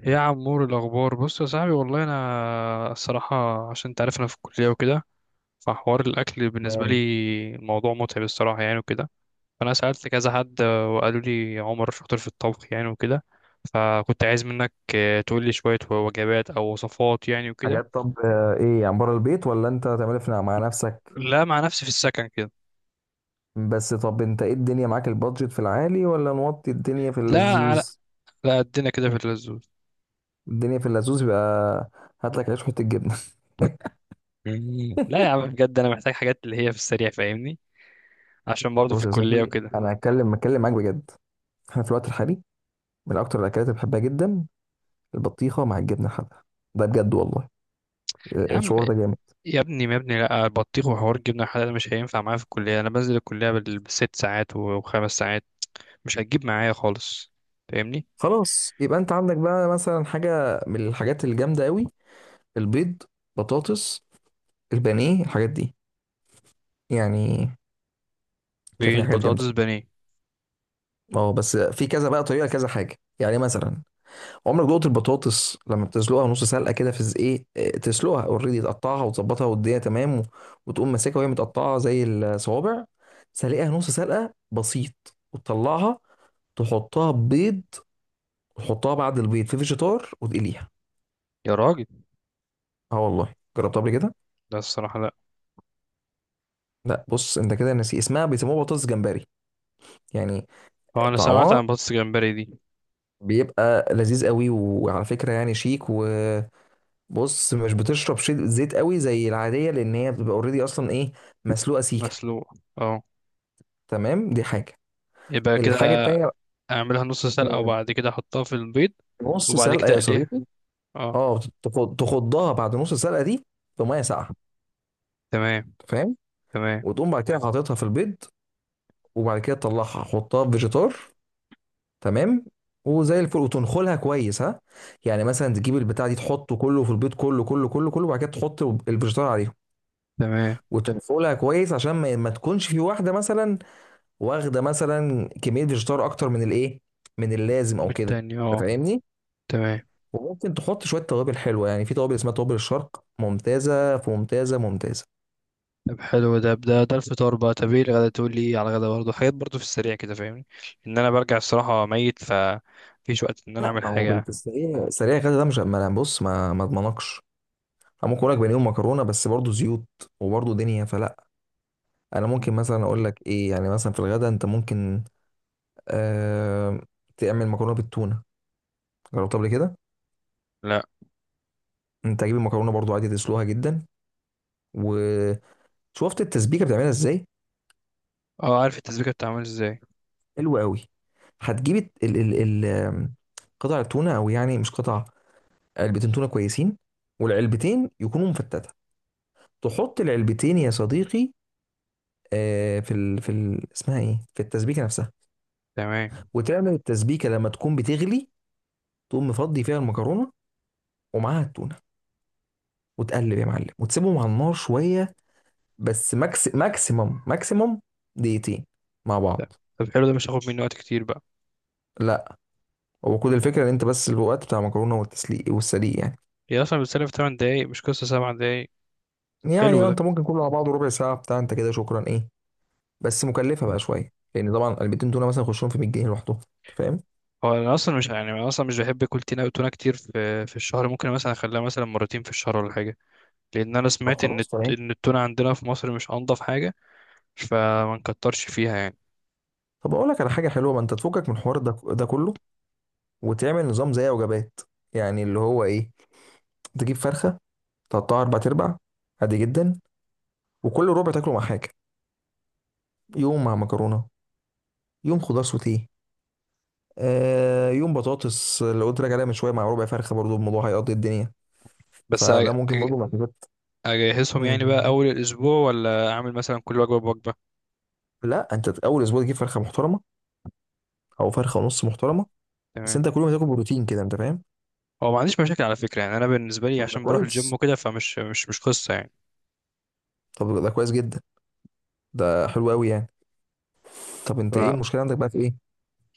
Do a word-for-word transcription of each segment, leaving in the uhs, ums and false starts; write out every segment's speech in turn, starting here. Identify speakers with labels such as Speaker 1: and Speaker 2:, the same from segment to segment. Speaker 1: إيه يا عمور، الأخبار؟ بص يا صاحبي، والله أنا الصراحة عشان تعرف أنا في الكلية وكده، فحوار الأكل بالنسبة
Speaker 2: تمام.
Speaker 1: لي موضوع متعب الصراحة يعني وكده. فأنا سألت كذا حد آه، وقالوا لي عمر شاطر في الطبخ يعني وكده، فكنت عايز منك آه، تقول لي شوية وجبات أو وصفات يعني وكده.
Speaker 2: حاجات، طب آه، ايه يعني، بره البيت ولا انت تعملها في مع نفسك؟
Speaker 1: لا، مع نفسي في السكن كده.
Speaker 2: بس طب انت ايه الدنيا، معاك البادجت في العالي ولا نوطي الدنيا في
Speaker 1: لا، على
Speaker 2: اللزوز؟
Speaker 1: لا، قدنا كده في اللزوز.
Speaker 2: الدنيا في اللزوز يبقى، هات لك عيش وحته جبنه.
Speaker 1: مم. لا يا عم، بجد أنا محتاج حاجات اللي هي في السريع، فاهمني؟ عشان برضه في
Speaker 2: بص يا
Speaker 1: الكلية
Speaker 2: صاحبي،
Speaker 1: وكده.
Speaker 2: انا هتكلم هتكلم معاك بجد. احنا في الوقت الحالي، من اكتر الاكلات اللي بحبها جدا البطيخه مع الجبنه الحادقه. ده بجد والله،
Speaker 1: يا
Speaker 2: آه،
Speaker 1: عم،
Speaker 2: الشعور ده جامد.
Speaker 1: يا ابني يا ابني، لا البطيخ وحوار الجبنه الحلال ده مش هينفع معايا في الكليه. انا بنزل الكليه بال- بالست ساعات و- وخمس ساعات، مش هتجيب معايا خالص، فاهمني؟
Speaker 2: خلاص يبقى، انت عندك بقى مثلا حاجه من الحاجات الجامده قوي، البيض، بطاطس، البانيه، الحاجات دي يعني. شايف إن
Speaker 1: بقيت
Speaker 2: هي حاجات جامده.
Speaker 1: بطاطس بانيه.
Speaker 2: اه بس في كذا بقى طريقه، كذا حاجه يعني. مثلا عمرك دقت البطاطس لما بتسلقها نص سلقه كده؟ في ز- ايه إيه، تسلقها اوريدي، تقطعها وتظبطها والدنيا تمام، و- وتقوم ماسكها وهي متقطعه زي الصوابع، سلقها نص سلقه بسيط وتطلعها، تحطها بيض، وتحطها بعد البيض في فيجيتار وتقليها.
Speaker 1: يا راجل،
Speaker 2: اه والله، جربتها قبل كده.
Speaker 1: لا الصراحه لا.
Speaker 2: لا بص، انت كده ناسي اسمها، بيسموها بطاطس جمبري يعني.
Speaker 1: هو انا سمعت
Speaker 2: طعمها
Speaker 1: عن بطاطس جمبري دي.
Speaker 2: بيبقى لذيذ قوي، وعلى فكره يعني شيك. و بص، مش بتشرب شي- زيت قوي زي العاديه، لان هي بتبقى اوريدي اصلا، ايه، مسلوقه سيكه.
Speaker 1: مسلوقه، اه.
Speaker 2: تمام، دي حاجه.
Speaker 1: يبقى
Speaker 2: الحاجه
Speaker 1: كده
Speaker 2: التانيه،
Speaker 1: اعملها نص سلقه
Speaker 2: مم،
Speaker 1: وبعد كده احطها في البيض
Speaker 2: نص
Speaker 1: وبعد
Speaker 2: سلقه
Speaker 1: كده
Speaker 2: يا
Speaker 1: اقليها.
Speaker 2: صديقي.
Speaker 1: اه،
Speaker 2: اه، تخ- تخضها بعد نص سلقه دي في ميه ساقعه،
Speaker 1: تمام.
Speaker 2: فاهم،
Speaker 1: تمام.
Speaker 2: وتقوم بعد كده حاططها في البيض، وبعد كده تطلعها حطها في فيجيتار، تمام، وزي الفل. وتنخلها كويس، ها، يعني مثلا تجيب البتاع دي تحطه كله في البيض، كله كله كله كله، وبعد كده تحط الفيجيتار عليهم
Speaker 1: تمام،
Speaker 2: وتنخلها كويس، عشان ما ما تكونش في واحده مثلا واخده مثلا كميه فيجيتار اكتر من الايه، من اللازم او كده،
Speaker 1: بالتاني
Speaker 2: انت
Speaker 1: اه.
Speaker 2: فاهمني.
Speaker 1: تمام.
Speaker 2: وممكن تحط شويه توابل حلوه، يعني في توابل اسمها توابل الشرق، ممتازه في، ممتازه ممتازه.
Speaker 1: طب حلو، ده ده ده الفطار بقى. طب ايه الغدا؟ تقول لي ايه على الغدا برضه؟ حاجات برضه في السريع كده، فاهمني؟ ان انا برجع الصراحه ميت، فمفيش وقت ان انا اعمل
Speaker 2: او
Speaker 1: حاجه.
Speaker 2: بالسريع سريع كده، ده مش، ما أنا بص ما ما اضمنكش. أنا ممكن اقول لك بانيه ومكرونه، بس برضه زيوت، وبرضه دنيا فلا. انا ممكن مثلا اقول لك ايه، يعني مثلا في الغدا انت ممكن آه تعمل مكرونه بالتونه. جربتها قبل كده؟
Speaker 1: لا.
Speaker 2: انت هتجيب المكرونه برضه عادي، تسلوها جدا، وشفت التسبيكه بتعملها ازاي.
Speaker 1: اه عارف التسبيكه بتتعمل ازاي.
Speaker 2: حلو قوي. هتجيب الت- ال ال ال قطع التونه، او يعني مش قطع، علبتين تونه كويسين، والعلبتين يكونوا مفتته. تحط العلبتين يا صديقي، آه، في ال في ال اسمها ايه، في التسبيكه نفسها.
Speaker 1: تمام.
Speaker 2: وتعمل التسبيكه، لما تكون بتغلي تقوم مفضي فيها المكرونه ومعاها التونه، وتقلب يا معلم وتسيبهم على النار شويه، بس ماكس ماكسيمم ماكسيمم دقيقتين مع
Speaker 1: طب
Speaker 2: بعض.
Speaker 1: طب حلو ده، مش هاخد مني وقت كتير بقى.
Speaker 2: لا، هو كل الفكره ان انت بس الوقت بتاع المكرونه والتسليق، والسليق يعني.
Speaker 1: هي اصلا بتسلف تمن دقايق، مش قصه سبعة دقايق. طب
Speaker 2: يعني
Speaker 1: حلو
Speaker 2: اه،
Speaker 1: ده.
Speaker 2: انت ممكن كله على بعضه ربع ساعه بتاع، انت كده شكرا، ايه. بس مكلفه بقى شويه، لان طبعا علبتين تونه مثلا يخشهم في مية جنيه لوحدهم، انت فاهم.
Speaker 1: هو انا اصلا مش يعني انا اصلا مش بحب اكل تونه تونه كتير في في الشهر. ممكن مثلا اخليها مثلا مرتين في الشهر ولا حاجه، لان انا
Speaker 2: طب
Speaker 1: سمعت ان
Speaker 2: خلاص،
Speaker 1: الت-
Speaker 2: تمام.
Speaker 1: ان التونه عندنا في مصر مش انضف حاجه، فما نكترش فيها يعني.
Speaker 2: طب اقول لك على حاجه حلوه، ما انت تفكك من الحوار ده ده كله، وتعمل نظام زي وجبات، يعني اللي هو ايه، تجيب فرخه تقطعها اربع ارباع عادي جدا، وكل ربع تاكله مع حاجه. يوم مع مكرونه، يوم خضار سوتيه، آه يوم بطاطس اللي قلت لك عليها من شويه مع ربع فرخه، برضو الموضوع هيقضي الدنيا.
Speaker 1: بس أ-
Speaker 2: فده ممكن
Speaker 1: أ-
Speaker 2: برضو من
Speaker 1: اجهزهم يعني بقى
Speaker 2: الحاجات.
Speaker 1: اول الاسبوع، ولا اعمل مثلا كل وجبه بوجبه؟
Speaker 2: لا، انت اول اسبوع تجيب فرخه محترمه او فرخه ونص محترمه، بس
Speaker 1: تمام.
Speaker 2: انت كل يوم تاكل بروتين كده، انت فاهم.
Speaker 1: هو ما عنديش مشاكل على فكره، يعني انا بالنسبه لي
Speaker 2: طب ده
Speaker 1: عشان بروح الجيم
Speaker 2: كويس،
Speaker 1: وكده، فمش مش مش قصه يعني.
Speaker 2: طب ده كويس جدا، ده حلو قوي يعني. طب انت ايه
Speaker 1: ف-
Speaker 2: المشكله عندك بقى، في ايه؟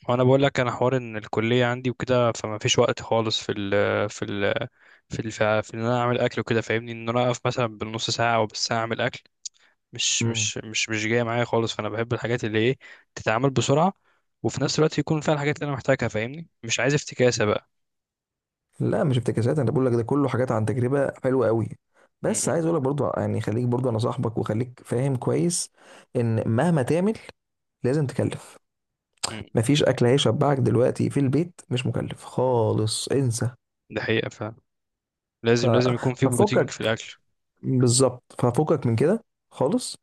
Speaker 1: وانا بقول لك انا حوار ان الكليه عندي وكده، فما فيش وقت خالص في ال في ال في ال في ان انا اعمل اكل وكده، فاهمني؟ ان انا اقف مثلا بالنص ساعه او بالساعه اعمل اكل، مش
Speaker 2: مم.
Speaker 1: مش مش مش جايه معايا خالص. فانا بحب الحاجات اللي ايه، تتعمل بسرعه وفي نفس الوقت يكون فيها الحاجات اللي انا محتاجها، فاهمني؟ مش عايز افتكاسه بقى.
Speaker 2: لا، مش افتكاسات، انا بقول لك ده كله حاجات عن تجربه حلوه قوي.
Speaker 1: م-
Speaker 2: بس
Speaker 1: م-
Speaker 2: عايز اقول لك برضو، يعني خليك، برضو انا صاحبك وخليك فاهم كويس، ان مهما تعمل لازم تكلف.
Speaker 1: م.
Speaker 2: مفيش اكل هيشبعك دلوقتي في البيت مش مكلف خالص، انسى.
Speaker 1: ده حقيقه،
Speaker 2: ف...
Speaker 1: لازم لازم يكون في بروتين في
Speaker 2: ففكك
Speaker 1: الاكل.
Speaker 2: بالظبط، ففكك من كده خالص.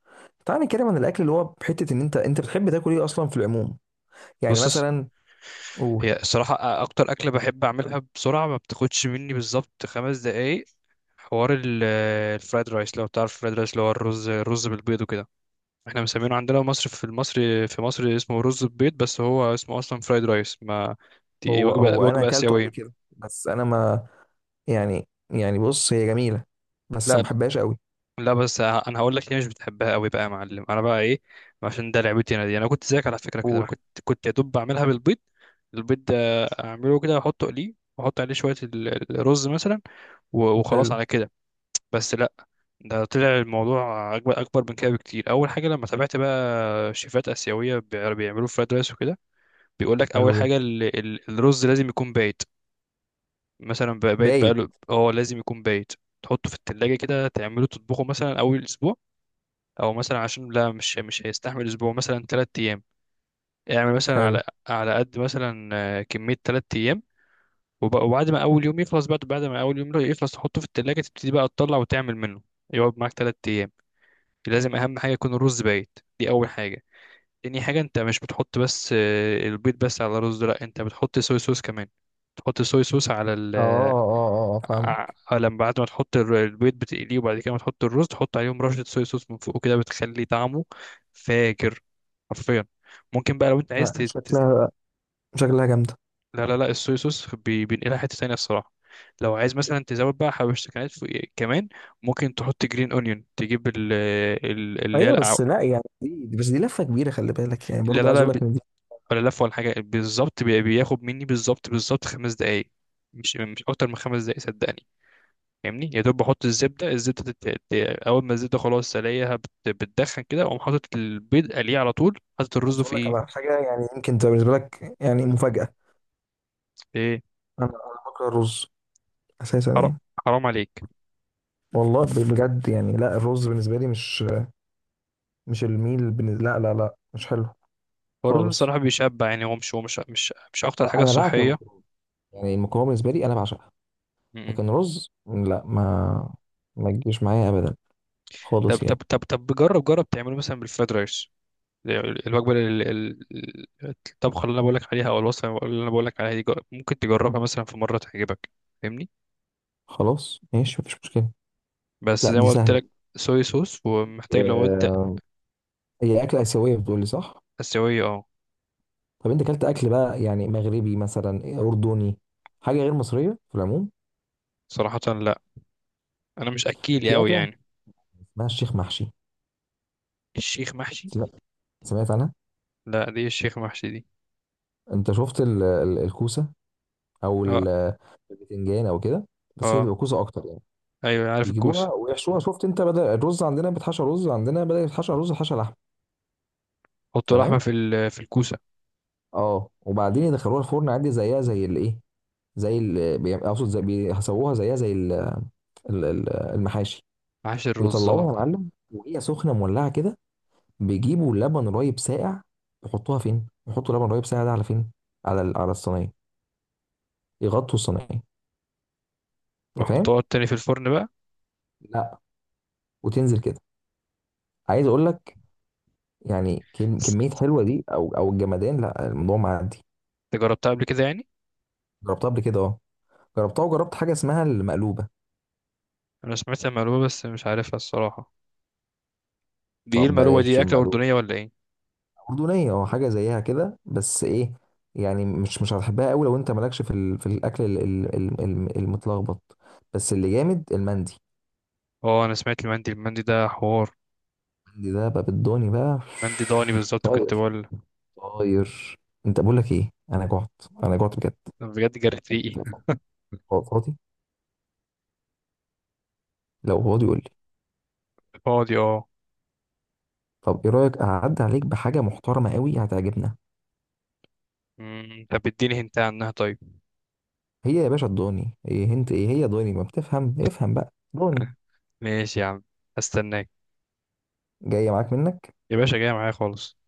Speaker 2: تعالى نتكلم عن الاكل اللي هو بحته، ان انت انت بتحب تاكل ايه اصلا في العموم، يعني
Speaker 1: بص،
Speaker 2: مثلا، قول.
Speaker 1: هي الصراحه أ- اكتر اكله بحب اعملها بسرعه، ما بتاخدش مني بالظبط خمس دقايق. حوار ال- آه، الفرايد رايس، لو تعرف الفرايد رايس، اللي هو الرز الرز بالبيض وكده. احنا مسمينه عندنا مصر، في مصر في مصر اسمه رز ببيض، بس هو اسمه اصلا فرايد رايس ما، دي
Speaker 2: هو
Speaker 1: وجبه
Speaker 2: هو انا
Speaker 1: وجبه
Speaker 2: اكلته قبل
Speaker 1: اسيويه.
Speaker 2: كده، بس انا ما، يعني يعني بص هي جميله بس ما
Speaker 1: لا
Speaker 2: بحبهاش قوي.
Speaker 1: لا، بس ه- انا هقول لك ليه مش بتحبها قوي بقى يا معلم. انا بقى ايه، عشان ده لعبتي انا دي. انا كنت زيك على فكره كده. انا
Speaker 2: قول.
Speaker 1: كنت كنت يا دوب بعملها بالبيض. البيض ده اعمله كده واحطه اقليه واحط عليه شويه ال- ال- الرز مثلا، و- وخلاص
Speaker 2: حلو.
Speaker 1: على كده. بس لا، ده طلع الموضوع اكبر اكبر من كده بكتير. اول حاجه لما تابعت بقى شيفات اسيويه بيع- بيعملوا فرايد رايس وكده، بيقول لك اول
Speaker 2: حلو جدا.
Speaker 1: حاجه ال- ال- الرز لازم يكون بايت. مثلا بقى- بايت
Speaker 2: بايت.
Speaker 1: بقاله، اه لازم يكون بايت. تحطه في التلاجة كده، تعمله تطبخه مثلا أول أسبوع، او مثلا عشان لا، مش مش هيستحمل اسبوع، مثلا ثلاث ايام. اعمل مثلا
Speaker 2: حلو.
Speaker 1: على على قد مثلا آه، كميه ثلاث ايام، وب- وبعد ما اول يوم يخلص، بعد بعد ما اول يوم يخلص تحطه في التلاجة، تبتدي بقى تطلع وتعمل منه. يقعد معاك ثلاث ايام. لازم اهم حاجه يكون الرز بايت، دي اول حاجه. تاني حاجه، انت مش بتحط بس آه، البيض بس على الرز، لا انت بتحط صويا صوص كمان. تحط صويا صوص على
Speaker 2: اه
Speaker 1: ال
Speaker 2: اه اه فاهم.
Speaker 1: ع- لما بعد ما تحط الر- البيض بتقليه، وبعد كده ما تحط الرز تحط عليهم رشة صويا صوص من فوق كده، بتخلي طعمه فاجر، حرفيا. ممكن بقى لو انت عايز ت... تز-
Speaker 2: شكلها شكلها جامده.
Speaker 1: لا لا لا، الصويا صوص بي- بينقلها حتة تانية الصراحة. لو عايز مثلا تزود بقى حبشتكنات فوق كمان، ممكن تحط جرين اونيون، تجيب ال... ال... اللي هي
Speaker 2: ايوه،
Speaker 1: الأع-
Speaker 2: بس لا يعني، دي دي- بس دي لفه كبيره، خلي بالك يعني،
Speaker 1: لا
Speaker 2: برضو
Speaker 1: لا
Speaker 2: عايز
Speaker 1: لا،
Speaker 2: اقول
Speaker 1: ب-
Speaker 2: لك ان دي.
Speaker 1: ولا لف ولا حاجة بالظبط. بي- بياخد مني بالظبط بالظبط خمس دقايق، مش مش أكتر من خمس دقايق صدقني. فاهمني، يا دوب بحط الزبده الزبده تت... ت- اول ما الزبده خلاص الاقيها بت... بتدخن كده، اقوم حاطط البيض قليه على طول، حاطط الرز
Speaker 2: عايز اقول
Speaker 1: في
Speaker 2: لك
Speaker 1: ايه
Speaker 2: على حاجه، يعني يمكن تبقى بالنسبه لك يعني مفاجاه،
Speaker 1: في ايه
Speaker 2: انا انا بكره الرز اساسا
Speaker 1: حرام،
Speaker 2: يعني.
Speaker 1: حرام عليك.
Speaker 2: والله، ب- بجد يعني، لا الرز بالنسبه لي مش مش الميل بالنسبة، لا لا لا، مش حلو
Speaker 1: هو الرز
Speaker 2: خالص.
Speaker 1: صراحه بيشبع، يعني هو مش هو مش مش مش اكتر
Speaker 2: اه
Speaker 1: حاجه
Speaker 2: انا بعشق
Speaker 1: صحيه.
Speaker 2: المكرونه، يعني المكرونه بالنسبه لي انا بعشقها.
Speaker 1: م-م.
Speaker 2: لكن رز لا، ما ما تجيش معايا ابدا
Speaker 1: طب
Speaker 2: خالص
Speaker 1: طب
Speaker 2: يعني.
Speaker 1: طب طب جرب جرب تعمله مثلا بالفرايد رايس. ال- الوجبه ال- ال- ال- الطبخه اللي انا بقول لك عليها، او الوصفه اللي انا بقول لك عليها دي، جر- ممكن تجربها مثلا في مره تعجبك، فاهمني؟
Speaker 2: خلاص ماشي، مفيش مشكله.
Speaker 1: بس
Speaker 2: لا
Speaker 1: زي
Speaker 2: دي
Speaker 1: ما قلت
Speaker 2: سهله،
Speaker 1: لك، صويا صوص، ومحتاج لو انت.
Speaker 2: آه، هي اكله اسيويه بتقولي، صح؟
Speaker 1: اسيويه اه.
Speaker 2: طب انت اكلت اكل بقى يعني مغربي مثلا، اردني، حاجه غير مصريه في العموم.
Speaker 1: صراحه لا، انا مش اكيلي
Speaker 2: في
Speaker 1: قوي
Speaker 2: اكله
Speaker 1: يعني.
Speaker 2: اسمها الشيخ محشي،
Speaker 1: الشيخ محشي؟
Speaker 2: سمعت سمعت عنها.
Speaker 1: لا دي الشيخ محشي دي.
Speaker 2: انت شفت ال- ال- الكوسه، او
Speaker 1: اه
Speaker 2: ال- البتنجان او كده، بس هي
Speaker 1: اه،
Speaker 2: بتبقى كوسه اكتر يعني.
Speaker 1: ايوه عارف الكوسه.
Speaker 2: بيجيبوها ويحشوها، شفت انت، بدل الرز عندنا بيتحشى رز، عندنا بدل يتحشى رز حشى لحم.
Speaker 1: حط اللحمه
Speaker 2: تمام.
Speaker 1: في ال- في الكوسه.
Speaker 2: اه، وبعدين
Speaker 1: مم.
Speaker 2: يدخلوها الفرن عادي، زيها زي الايه، زي ال بي- اقصد زي بيسووها، زيها زي ال- ال- ال- المحاشي.
Speaker 1: معاش الرز،
Speaker 2: ويطلعوها يا
Speaker 1: اه.
Speaker 2: معلم، وهي سخنه مولعه كده، بيجيبوا لبن رايب ساقع، يحطوها فين؟ يحطوا لبن رايب ساقع ده على فين؟ على ال- على الصينيه، يغطوا الصينيه، انت فاهم؟
Speaker 1: وحطها تاني في الفرن بقى.
Speaker 2: لا. وتنزل كده. عايز اقول لك يعني، كل-
Speaker 1: بس
Speaker 2: كمية حلوة دي، أو أو الجمدان، لا الموضوع معدي.
Speaker 1: انت جربتها قبل كده يعني؟
Speaker 2: جربتها قبل كده أه، جربتها وجربت حاجة اسمها المقلوبة.
Speaker 1: انا سمعت المقلوبه بس مش عارفها الصراحه. دي ايه
Speaker 2: طب
Speaker 1: المقلوبه
Speaker 2: بلاش
Speaker 1: دي؟ اكله
Speaker 2: المقلوبة،
Speaker 1: اردنيه ولا ايه؟
Speaker 2: أردنية أه، حاجة زيها كده، بس إيه، يعني مش مش هتحبها قوي لو أنت مالكش في ال... في الأكل ال... ال... ال... ال- المتلخبط. بس اللي جامد المندي.
Speaker 1: اه انا سمعت المندي، المندي ده حوار.
Speaker 2: المندي ده بقى بالدوني بقى.
Speaker 1: مندي ضاني، بالظبط كنت
Speaker 2: طاير،
Speaker 1: بقول.
Speaker 2: طاير. أنت بقول لك إيه، أنا جعت، أنا جعت بجد.
Speaker 1: أنا بجد جرت ريقي.
Speaker 2: فاضي؟ لو فاضي قول لي.
Speaker 1: فاضي، اه.
Speaker 2: طب إيه رأيك، أعدي عليك بحاجة محترمة قوي، هتعجبنا.
Speaker 1: مم، طب اديني هنت عنها طيب.
Speaker 2: هي يا باشا الضاني، ايه انت ايه هي، ضاني، ما بتفهم، افهم بقى ضاني.
Speaker 1: ماشي يا عم، هستناك.
Speaker 2: جايه معاك منك.
Speaker 1: يا باشا، جاي معايا خالص،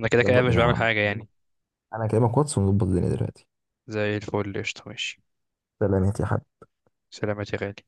Speaker 1: انا كده
Speaker 2: يلا
Speaker 1: كده مش
Speaker 2: بينا يا
Speaker 1: بعمل
Speaker 2: معلم،
Speaker 1: حاجه يعني.
Speaker 2: انا كلامك واتس ونظبط الدنيا دلوقتي.
Speaker 1: زي الفل، قشطة، ماشي.
Speaker 2: سلامات يا حبيبي.
Speaker 1: سلامات يا غالي.